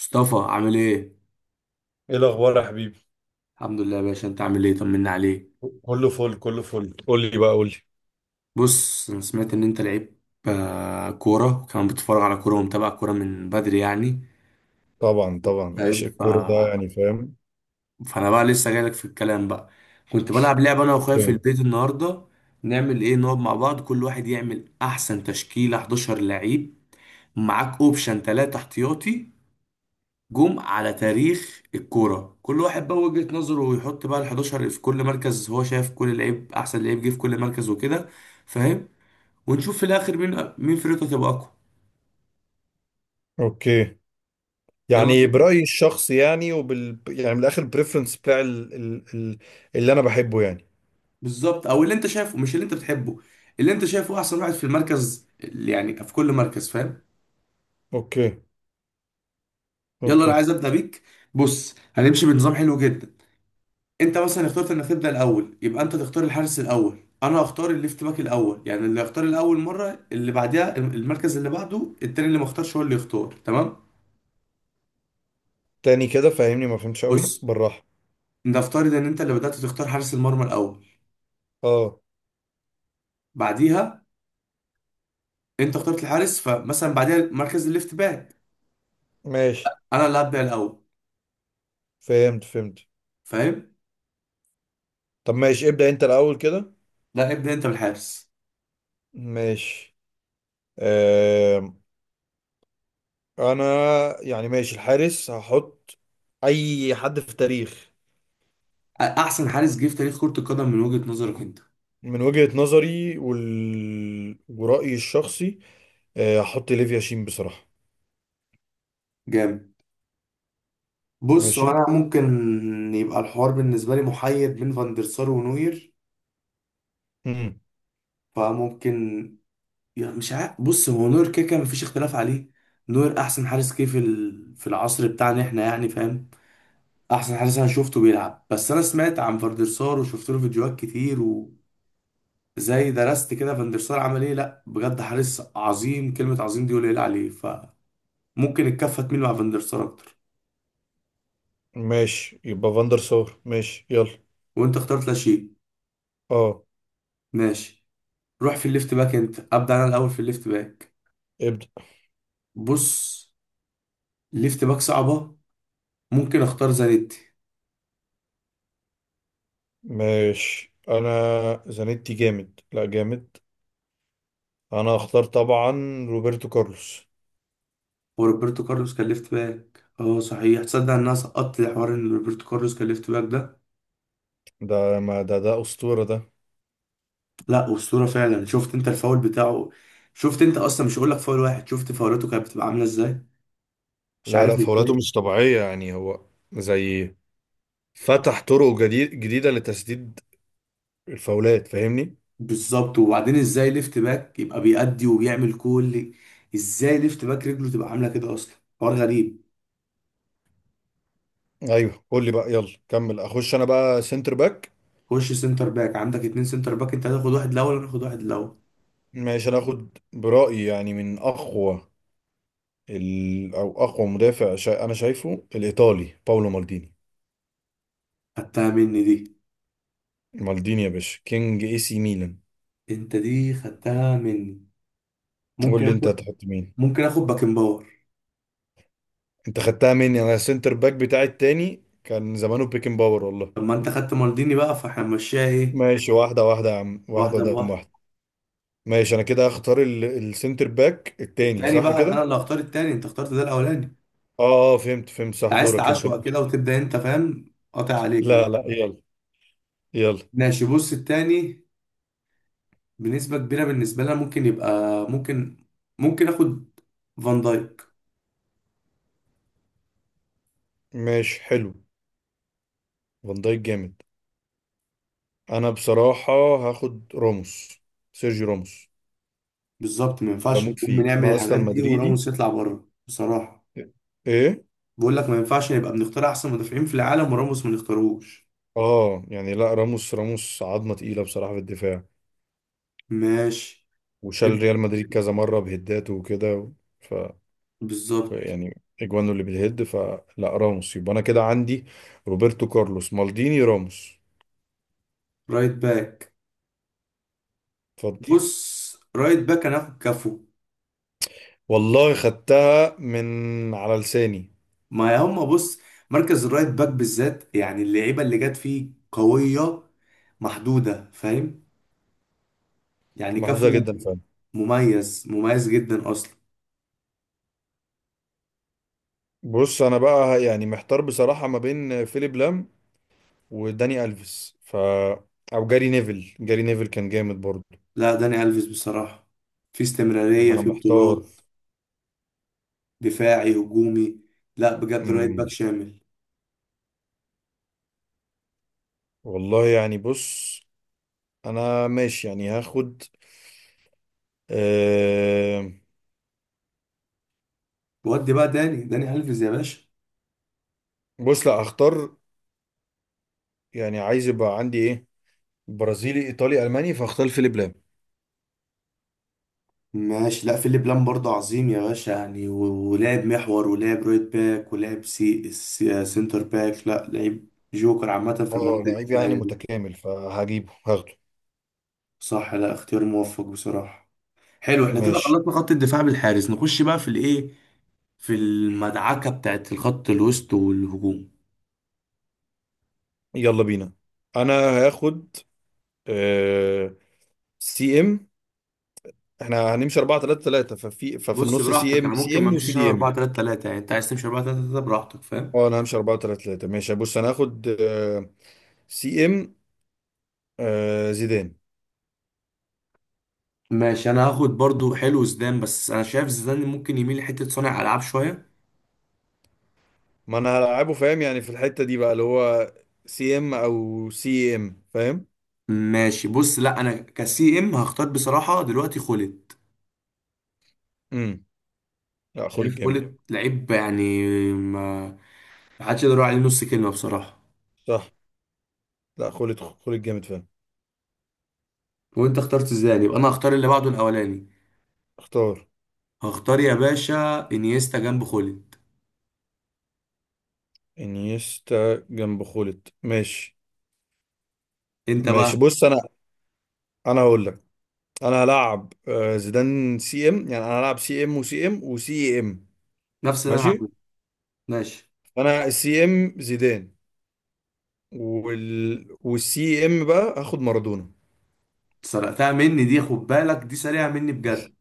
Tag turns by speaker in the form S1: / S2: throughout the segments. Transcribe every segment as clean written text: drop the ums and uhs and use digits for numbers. S1: مصطفى عامل ايه؟
S2: ايه الاخبار يا حبيبي؟
S1: الحمد لله يا باشا، انت عامل ايه؟ طمنا عليك.
S2: كله فل، كله فل. قول لي بقى، قول لي.
S1: بص، انا سمعت ان انت لعيب. آه، كورة، وكمان بتتفرج على كورة ومتابع كورة من بدري يعني.
S2: طبعا طبعا،
S1: فاهم.
S2: عشق الكوره ده، يعني فاهم.
S1: فانا بقى لسه جايلك في الكلام بقى. كنت بلعب لعبة انا واخويا في
S2: اوكي.
S1: البيت النهاردة. نعمل ايه، نقعد مع بعض كل واحد يعمل احسن تشكيلة 11 لعيب، معاك اوبشن 3 احتياطي، جم على تاريخ الكوره، كل واحد بقى وجهة نظره ويحط بقى ال 11 في كل مركز هو شايف كل لعيب احسن لعيب جه في كل مركز وكده. فاهم. ونشوف في الاخر مين مين فرقته تبقى اقوى.
S2: أوكي.
S1: يلا
S2: يعني
S1: بينا.
S2: برايي الشخصي يعني، وبال يعني، من الاخر البريفرنس بتاع اللي انا بحبه يعني.
S1: بالظبط، او اللي انت شايفه مش اللي انت بتحبه. اللي انت شايفه احسن واحد في المركز اللي يعني في كل مركز. فاهم.
S2: اوكي،
S1: يلا انا
S2: اوكي.
S1: عايز ابدا بيك. بص، هنمشي بنظام حلو جدا. انت مثلا اخترت انك تبدا الاول، يبقى انت تختار الحارس الاول، انا اختار الليفت باك الاول. يعني اللي اختار الاول مره، اللي بعدها المركز اللي بعده التاني اللي ما اختارش هو اللي يختار. تمام؟
S2: تاني كده فاهمني، ما فهمتش قوي،
S1: بص،
S2: بالراحه.
S1: نفترض ان انت اللي بدات تختار حارس المرمى الاول.
S2: اه
S1: بعديها انت اخترت الحارس، فمثلا بعديها مركز الليفت باك
S2: ماشي،
S1: انا اللي هبدا الاول.
S2: فهمت فهمت.
S1: فاهم.
S2: طب ماشي، ابدا انت الاول كده.
S1: لا، ابدا انت بالحارس.
S2: ماشي. آم، انا يعني ماشي الحارس هحط اي حد في التاريخ.
S1: احسن حارس جه في تاريخ كره القدم من وجهه نظرك انت.
S2: من وجهة نظري ورأيي الشخصي. هحط ليفيا شين بصراحة.
S1: جامد. بص، هو
S2: ماشي.
S1: انا ممكن يبقى الحوار بالنسبه لي محير بين فاندرسار ونوير.
S2: مم.
S1: فممكن، يعني مش عارف. بص، هو نور كده كده مفيش اختلاف عليه. نور احسن حارس جه في في العصر بتاعنا احنا يعني. فاهم. احسن حارس انا شفته بيلعب. بس انا سمعت عن فاندرسار وشفت له فيديوهات كتير، وزي درست كده فاندرسار عمل ايه. لا بجد حارس عظيم، كلمة عظيم دي قليل عليه. فممكن الكفة تميل مع فاندرسار اكتر.
S2: ماشي، يبقى فاندر سار، ماشي يلا.
S1: وانت اخترت لاشين.
S2: اه،
S1: ماشي. روح في الليفت باك، انت ابدا. انا الاول في الليفت باك.
S2: ابدأ
S1: بص، ليفت باك صعبة. ممكن اختار زانيتي.
S2: ماشي. انا زانيتي جامد، لا جامد. انا هختار طبعا روبرتو كارلوس.
S1: وروبرتو كارلوس كان ليفت باك، اه صحيح، تصدق ان انا سقطت حوار ان روبرتو كارلوس كان ليفت باك ده؟
S2: ده ما ده أسطورة ده.
S1: لا اسطوره فعلا. شفت انت الفاول بتاعه؟ شفت انت اصلا؟ مش هقول لك فاول واحد، شفت فاولاته كانت بتبقى عامله ازاي؟ مش
S2: لا
S1: عارف
S2: لا، فولاته
S1: ازاي.
S2: مش طبيعية يعني. هو زي فتح طرق جديدة لتسديد الفاولات، فاهمني.
S1: بالظبط. وبعدين ازاي ليفت باك يبقى بيأدي وبيعمل كل؟ ازاي ليفت باك رجله تبقى عامله كده اصلا؟ حوار غريب.
S2: ايوه، قول لي بقى، يلا كمل. اخش انا بقى سنتر باك.
S1: خش سنتر باك. عندك اتنين سنتر باك، انت هتاخد واحد الاول وانا هاخد واحد الاول.
S2: ماشي، انا اخد برأيي يعني من اقوى او اقوى مدافع انا شايفه الايطالي باولو مالديني.
S1: خدتها مني دي.
S2: مالديني يا باشا، كينج اي سي ميلان.
S1: انت دي خدتها مني.
S2: قول
S1: ممكن
S2: لي انت
S1: اخد،
S2: هتحط مين.
S1: ممكن اخد باكن باور.
S2: انت خدتها مني، انا السنتر باك بتاعي التاني كان زمانه بيكن باور والله.
S1: طب ما انت خدت مالديني بقى، فاحنا هنمشيها ايه؟
S2: ماشي، واحدة واحدة يا عم، واحدة
S1: واحده
S2: قدام
S1: بواحده.
S2: واحدة. ماشي، انا كده هختار السنتر باك التاني،
S1: التاني
S2: صح
S1: بقى انا
S2: كده؟
S1: اللي هختار التاني، انت اخترت ده الاولاني انت.
S2: اه. فهمت فهمت، صح
S1: عايز
S2: دورك انت،
S1: تعشوق
S2: ماشي.
S1: كده وتبدا انت، فاهم؟ قاطع عليك انا.
S2: لا لا، يلا يلا.
S1: ماشي. بص، التاني بنسبه كبيره بالنسبه لنا ممكن يبقى، ممكن، ممكن اخد فان دايك.
S2: ماشي، حلو. فان دايك جامد. انا بصراحة هاخد راموس، سيرجي راموس.
S1: بالظبط، ما ينفعش
S2: بموت
S1: نكون
S2: فيه
S1: بنعمل
S2: انا، اصلا
S1: الحاجات دي
S2: مدريدي.
S1: وراموس يطلع بره بصراحه.
S2: ايه؟
S1: بقول لك ما ينفعش نبقى بنختار احسن مدافعين في العالم وراموس ما نختاروش.
S2: اه يعني، لا راموس، راموس عظمة تقيلة بصراحة في الدفاع.
S1: ماشي.
S2: وشال
S1: نبدا.
S2: ريال مدريد كذا مرة بهداته وكده. ف... ف
S1: بالظبط.
S2: يعني اجوانه اللي بالهد فلا. راموس، يبقى انا كده عندي روبرتو كارلوس، مالديني، راموس.
S1: رايت باك.
S2: اتفضل.
S1: بص، رايت باك انا هاخد كفو.
S2: والله خدتها من على لساني.
S1: ما هم، بص، مركز الرايت باك بالذات يعني اللعيبه اللي جت فيه قويه، محدوده، فاهم؟ يعني
S2: محدودة
S1: كافو
S2: جدا فعلا.
S1: مميز، مميز جدا اصلا.
S2: بص انا بقى يعني محتار بصراحة ما بين فيليب لام وداني الفيس، او جاري نيفل، جاري نيفل كان جامد برضه.
S1: لا، داني الفيس بصراحه. في
S2: والله
S1: استمراريه
S2: انا
S1: في
S2: محتار.
S1: بطولات، دفاعي هجومي. لا بجد، رايت باك
S2: امم.
S1: شامل.
S2: والله يعني. بص انا ماشي يعني هاخد أه...
S1: ودي بقى داني، داني الفيس يا باشا.
S2: بص لا هختار، يعني عايز يبقى عندي ايه؟ برازيلي، ايطالي، الماني، فاختار فيليب لام.
S1: ماشي. لا، فيليب لام برضه عظيم يا باشا يعني، ولعب محور ولعب رايت باك ولعب سنتر باك. لا، لعيب جوكر عامه في
S2: اه
S1: المناطق
S2: لعيب يعني
S1: الدفاعيه.
S2: متكامل، فهجيبه هاخده.
S1: صح. لا، اختيار موفق بصراحة. حلو، احنا كده مم.
S2: ماشي،
S1: خلصنا خط الدفاع بالحارس، نخش بقى في الايه، في المدعكة بتاعت الخط الوسط والهجوم.
S2: يلا بينا. انا هاخد أه... سي ام. احنا هنمشي 4 3 3، ففي
S1: بص
S2: النص سي
S1: براحتك، انا
S2: ام، سي
S1: ممكن ما
S2: ام، وسي
S1: امشيش انا
S2: دي
S1: 4
S2: ام.
S1: 3 3 يعني انت عايز تمشي 4 3 3 براحتك، فاهم؟
S2: اه انا همشي 4 3 3. ماشي، بص انا هاخد سي ام، زيدان.
S1: ماشي. انا هاخد برضو، حلو زيدان، بس انا شايف زيدان ممكن يميل لحتة صانع العاب شوية.
S2: ما انا هلعبه فاهم يعني في الحتة دي بقى، اللي هو سي ام او سي ام، فاهم.
S1: ماشي. بص، لا انا كسي ام هختار بصراحة دلوقتي خولت.
S2: امم لا خول
S1: شايف
S2: الجامد.
S1: خولت لعيب يعني، ما ما حدش يقدر يقول عليه نص كلمة بصراحة.
S2: صح، لا خولت خول الجامد فاهم.
S1: وانت اخترت زيدان، يبقى انا هختار اللي بعده الاولاني.
S2: اختار
S1: هختار يا باشا انيستا جنب خولد.
S2: انيستا جنب خولت، ماشي.
S1: انت بقى.
S2: ماشي، بص انا هقول لك، انا هلعب زيدان سي ام، يعني انا هلعب سي ام وسي ام وسي ام.
S1: نفس اللي انا
S2: ماشي،
S1: هعمله. ماشي.
S2: انا السي ام زيدان والسي ام بقى هاخد مارادونا.
S1: سرقتها مني دي، خد بالك دي سريعه مني بجد،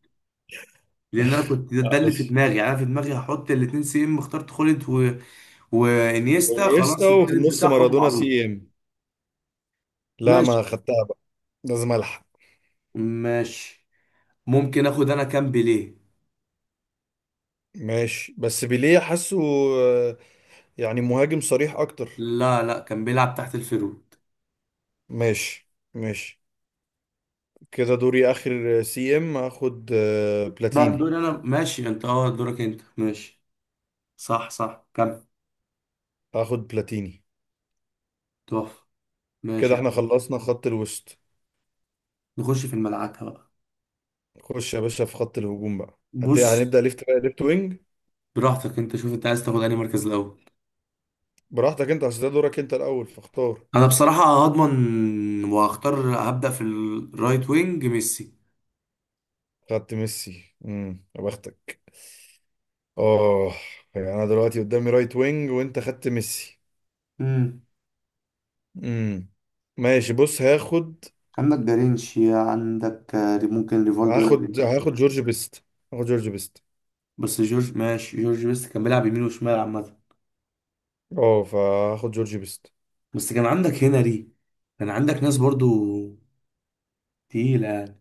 S1: لان انا كنت ده اللي في
S2: ماشي،
S1: دماغي. يعني انا في دماغي هحط الاتنين سي ام، اخترت خولد وانيستا،
S2: وانيستا،
S1: خلاص
S2: وفي
S1: التالت
S2: النص
S1: بتاعهم
S2: مارادونا
S1: معروف.
S2: سي ام. لا،
S1: ماشي.
S2: ما خدتها بقى، لازم الحق.
S1: ماشي. ممكن اخد انا كام؟ بيليه.
S2: ماشي، بس بيليه حاسه آه، يعني مهاجم صريح اكتر.
S1: لا لا، كان بيلعب تحت الفيرود.
S2: ماشي ماشي، كده دوري اخر، سي ام هاخد
S1: لا
S2: بلاتيني.
S1: دوري انا، ماشي انت، اه دورك انت، ماشي. صح صح، كمل.
S2: هاخد بلاتيني.
S1: تحفه. ماشي
S2: كده
S1: يا
S2: احنا
S1: عم.
S2: خلصنا خط الوسط.
S1: نخش في الملعكه بقى.
S2: خش يا باشا في خط الهجوم بقى،
S1: بص،
S2: هنبدأ ليفت بقى، ليفت وينج.
S1: براحتك انت شوف، انت عايز تاخد انهي مركز الاول.
S2: براحتك انت، اصل ده دورك انت الاول، فاختار.
S1: انا بصراحه هضمن وهختار، هبدا في الرايت وينج ميسي.
S2: خدت ميسي؟ يا بختك، اه. يعني انا دلوقتي قدامي رايت وينج، وانت خدت ميسي.
S1: امم.
S2: امم. ماشي، بص هاخد.
S1: عندك جارينشيا، عندك آه، ممكن ريفالدو يلعب.
S2: هاخد جورج بيست. هاخد جورج بيست.
S1: بس جورج ماشي، جورج بس كان بيلعب يمين وشمال عامه.
S2: اه، فهاخد جورج بيست.
S1: بس كان عندك هنري، كان عندك ناس برضو تقيله يعني.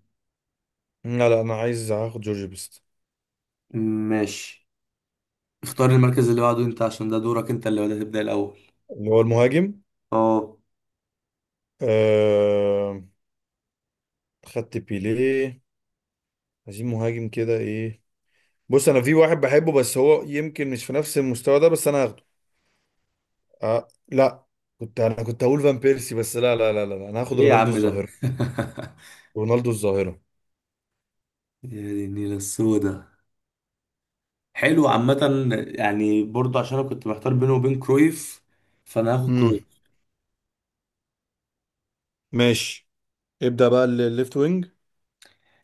S2: لا لا، انا عايز هاخد جورج بيست.
S1: ماشي. اختار المركز اللي بعده انت، عشان ده دورك انت اللي بدأت تبدا الاول.
S2: اللي هو المهاجم.
S1: اه.
S2: آه... خدت بيليه. عايزين مهاجم كده، ايه؟ بص انا في واحد بحبه، بس هو يمكن مش في نفس المستوى ده، بس انا هاخده. لا، انا كنت هقول فان بيرسي، بس لا لا لا لا لا، انا هاخد
S1: ايه يا
S2: رونالدو
S1: عم ده
S2: الظاهرة. رونالدو الظاهرة.
S1: يا دي النيله السودا. حلو عامة، يعني برضه عشان انا كنت محتار بينه وبين كرويف، فانا هاخد
S2: امم
S1: كرويف.
S2: ماشي، ابدأ بقى الليفت وينج.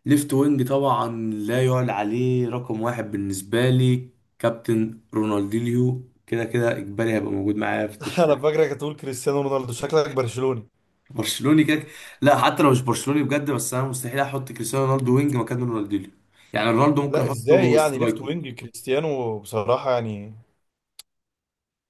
S1: ليفت وينج طبعا لا يعلى عليه، رقم واحد بالنسبة لي كابتن رونالدينيو، كده كده اجباري هيبقى موجود معايا في
S2: انا
S1: التشكيل.
S2: فاكرك هتقول كريستيانو رونالدو، شكلك برشلوني.
S1: برشلوني كده. لا حتى لو مش برشلوني بجد، بس انا مستحيل احط كريستيانو رونالدو وينج مكان رونالدينيو. يعني رونالدو ممكن
S2: لا، ازاي
S1: احطه
S2: يعني ليفت
S1: سترايكر.
S2: وينج كريستيانو بصراحة؟ يعني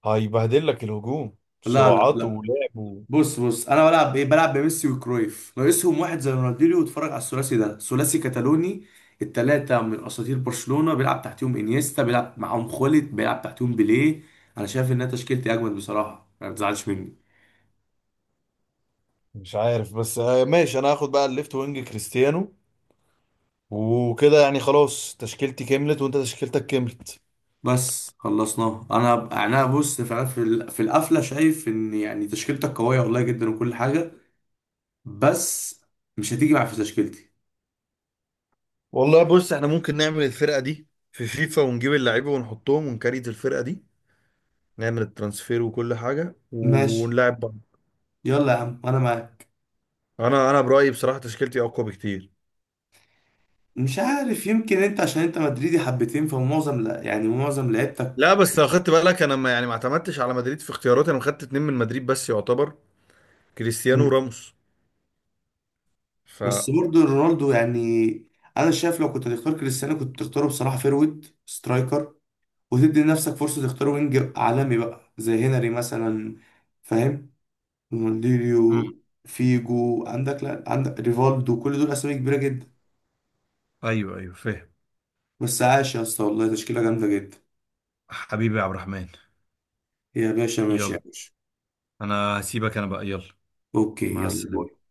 S2: هيبهدل لك الهجوم،
S1: لا لا
S2: سرعاته
S1: لا
S2: ولعبه.
S1: بص بص، انا بلعب بايه؟ بلعب بميسي وكرويف، ناقصهم واحد زي رونالدينيو، واتفرج على الثلاثي ده، ثلاثي كتالوني، التلاتة من اساطير برشلونة، بيلعب تحتهم انيستا، بيلعب معاهم خوليت، بيلعب تحتهم بيليه. انا شايف انها تشكيلتي اجمد بصراحة، ما تزعلش مني.
S2: مش عارف بس، ماشي، انا هاخد بقى الليفت وينج كريستيانو. وكده يعني خلاص تشكيلتي كملت، وانت تشكيلتك كملت.
S1: بس خلصناها انا يعني انا بص فعلا في في القفلة شايف ان، يعني تشكيلتك قوية والله جدا وكل حاجة، بس مش هتيجي معايا في تشكيلتي.
S2: والله بص، احنا ممكن نعمل الفرقة دي في فيفا، ونجيب اللعيبة ونحطهم ونكريت الفرقة دي، نعمل الترانسفير وكل حاجة
S1: ماشي.
S2: ونلعب بعض.
S1: يلا يا عم، انا معاك.
S2: انا برأيي بصراحة تشكيلتي اقوى بكتير.
S1: مش عارف، يمكن انت عشان انت مدريدي حبتين فمعظم، لا يعني معظم لعيبتك.
S2: لا بس لو خدت بالك انا، ما يعني ما اعتمدتش على مدريد في اختياراتي، انا خدت اتنين من مدريد بس يعتبر، كريستيانو
S1: مم.
S2: وراموس. ف.
S1: بس برضه رونالدو يعني، انا شايف لو كنت هتختار كريستيانو كنت تختاره بصراحه فيرويد سترايكر، وتدي لنفسك فرصه تختار وينج عالمي بقى زي هنري مثلا، فاهم؟
S2: مم.
S1: رونالدينيو، فيجو عندك، لا عندك ريفالدو، كل دول اسامي كبيره جدا بدا.
S2: ايوه ايوه، فاهم.
S1: بس عاش يا اسطى، والله تشكيله جامده جدا.
S2: حبيبي يا عبد الرحمن.
S1: يا باشا، ماشي
S2: يلا
S1: يا باشا.
S2: انا هسيبك انا بقى. يلا،
S1: اوكي،
S2: مع
S1: يلا
S2: السلامة.
S1: باي.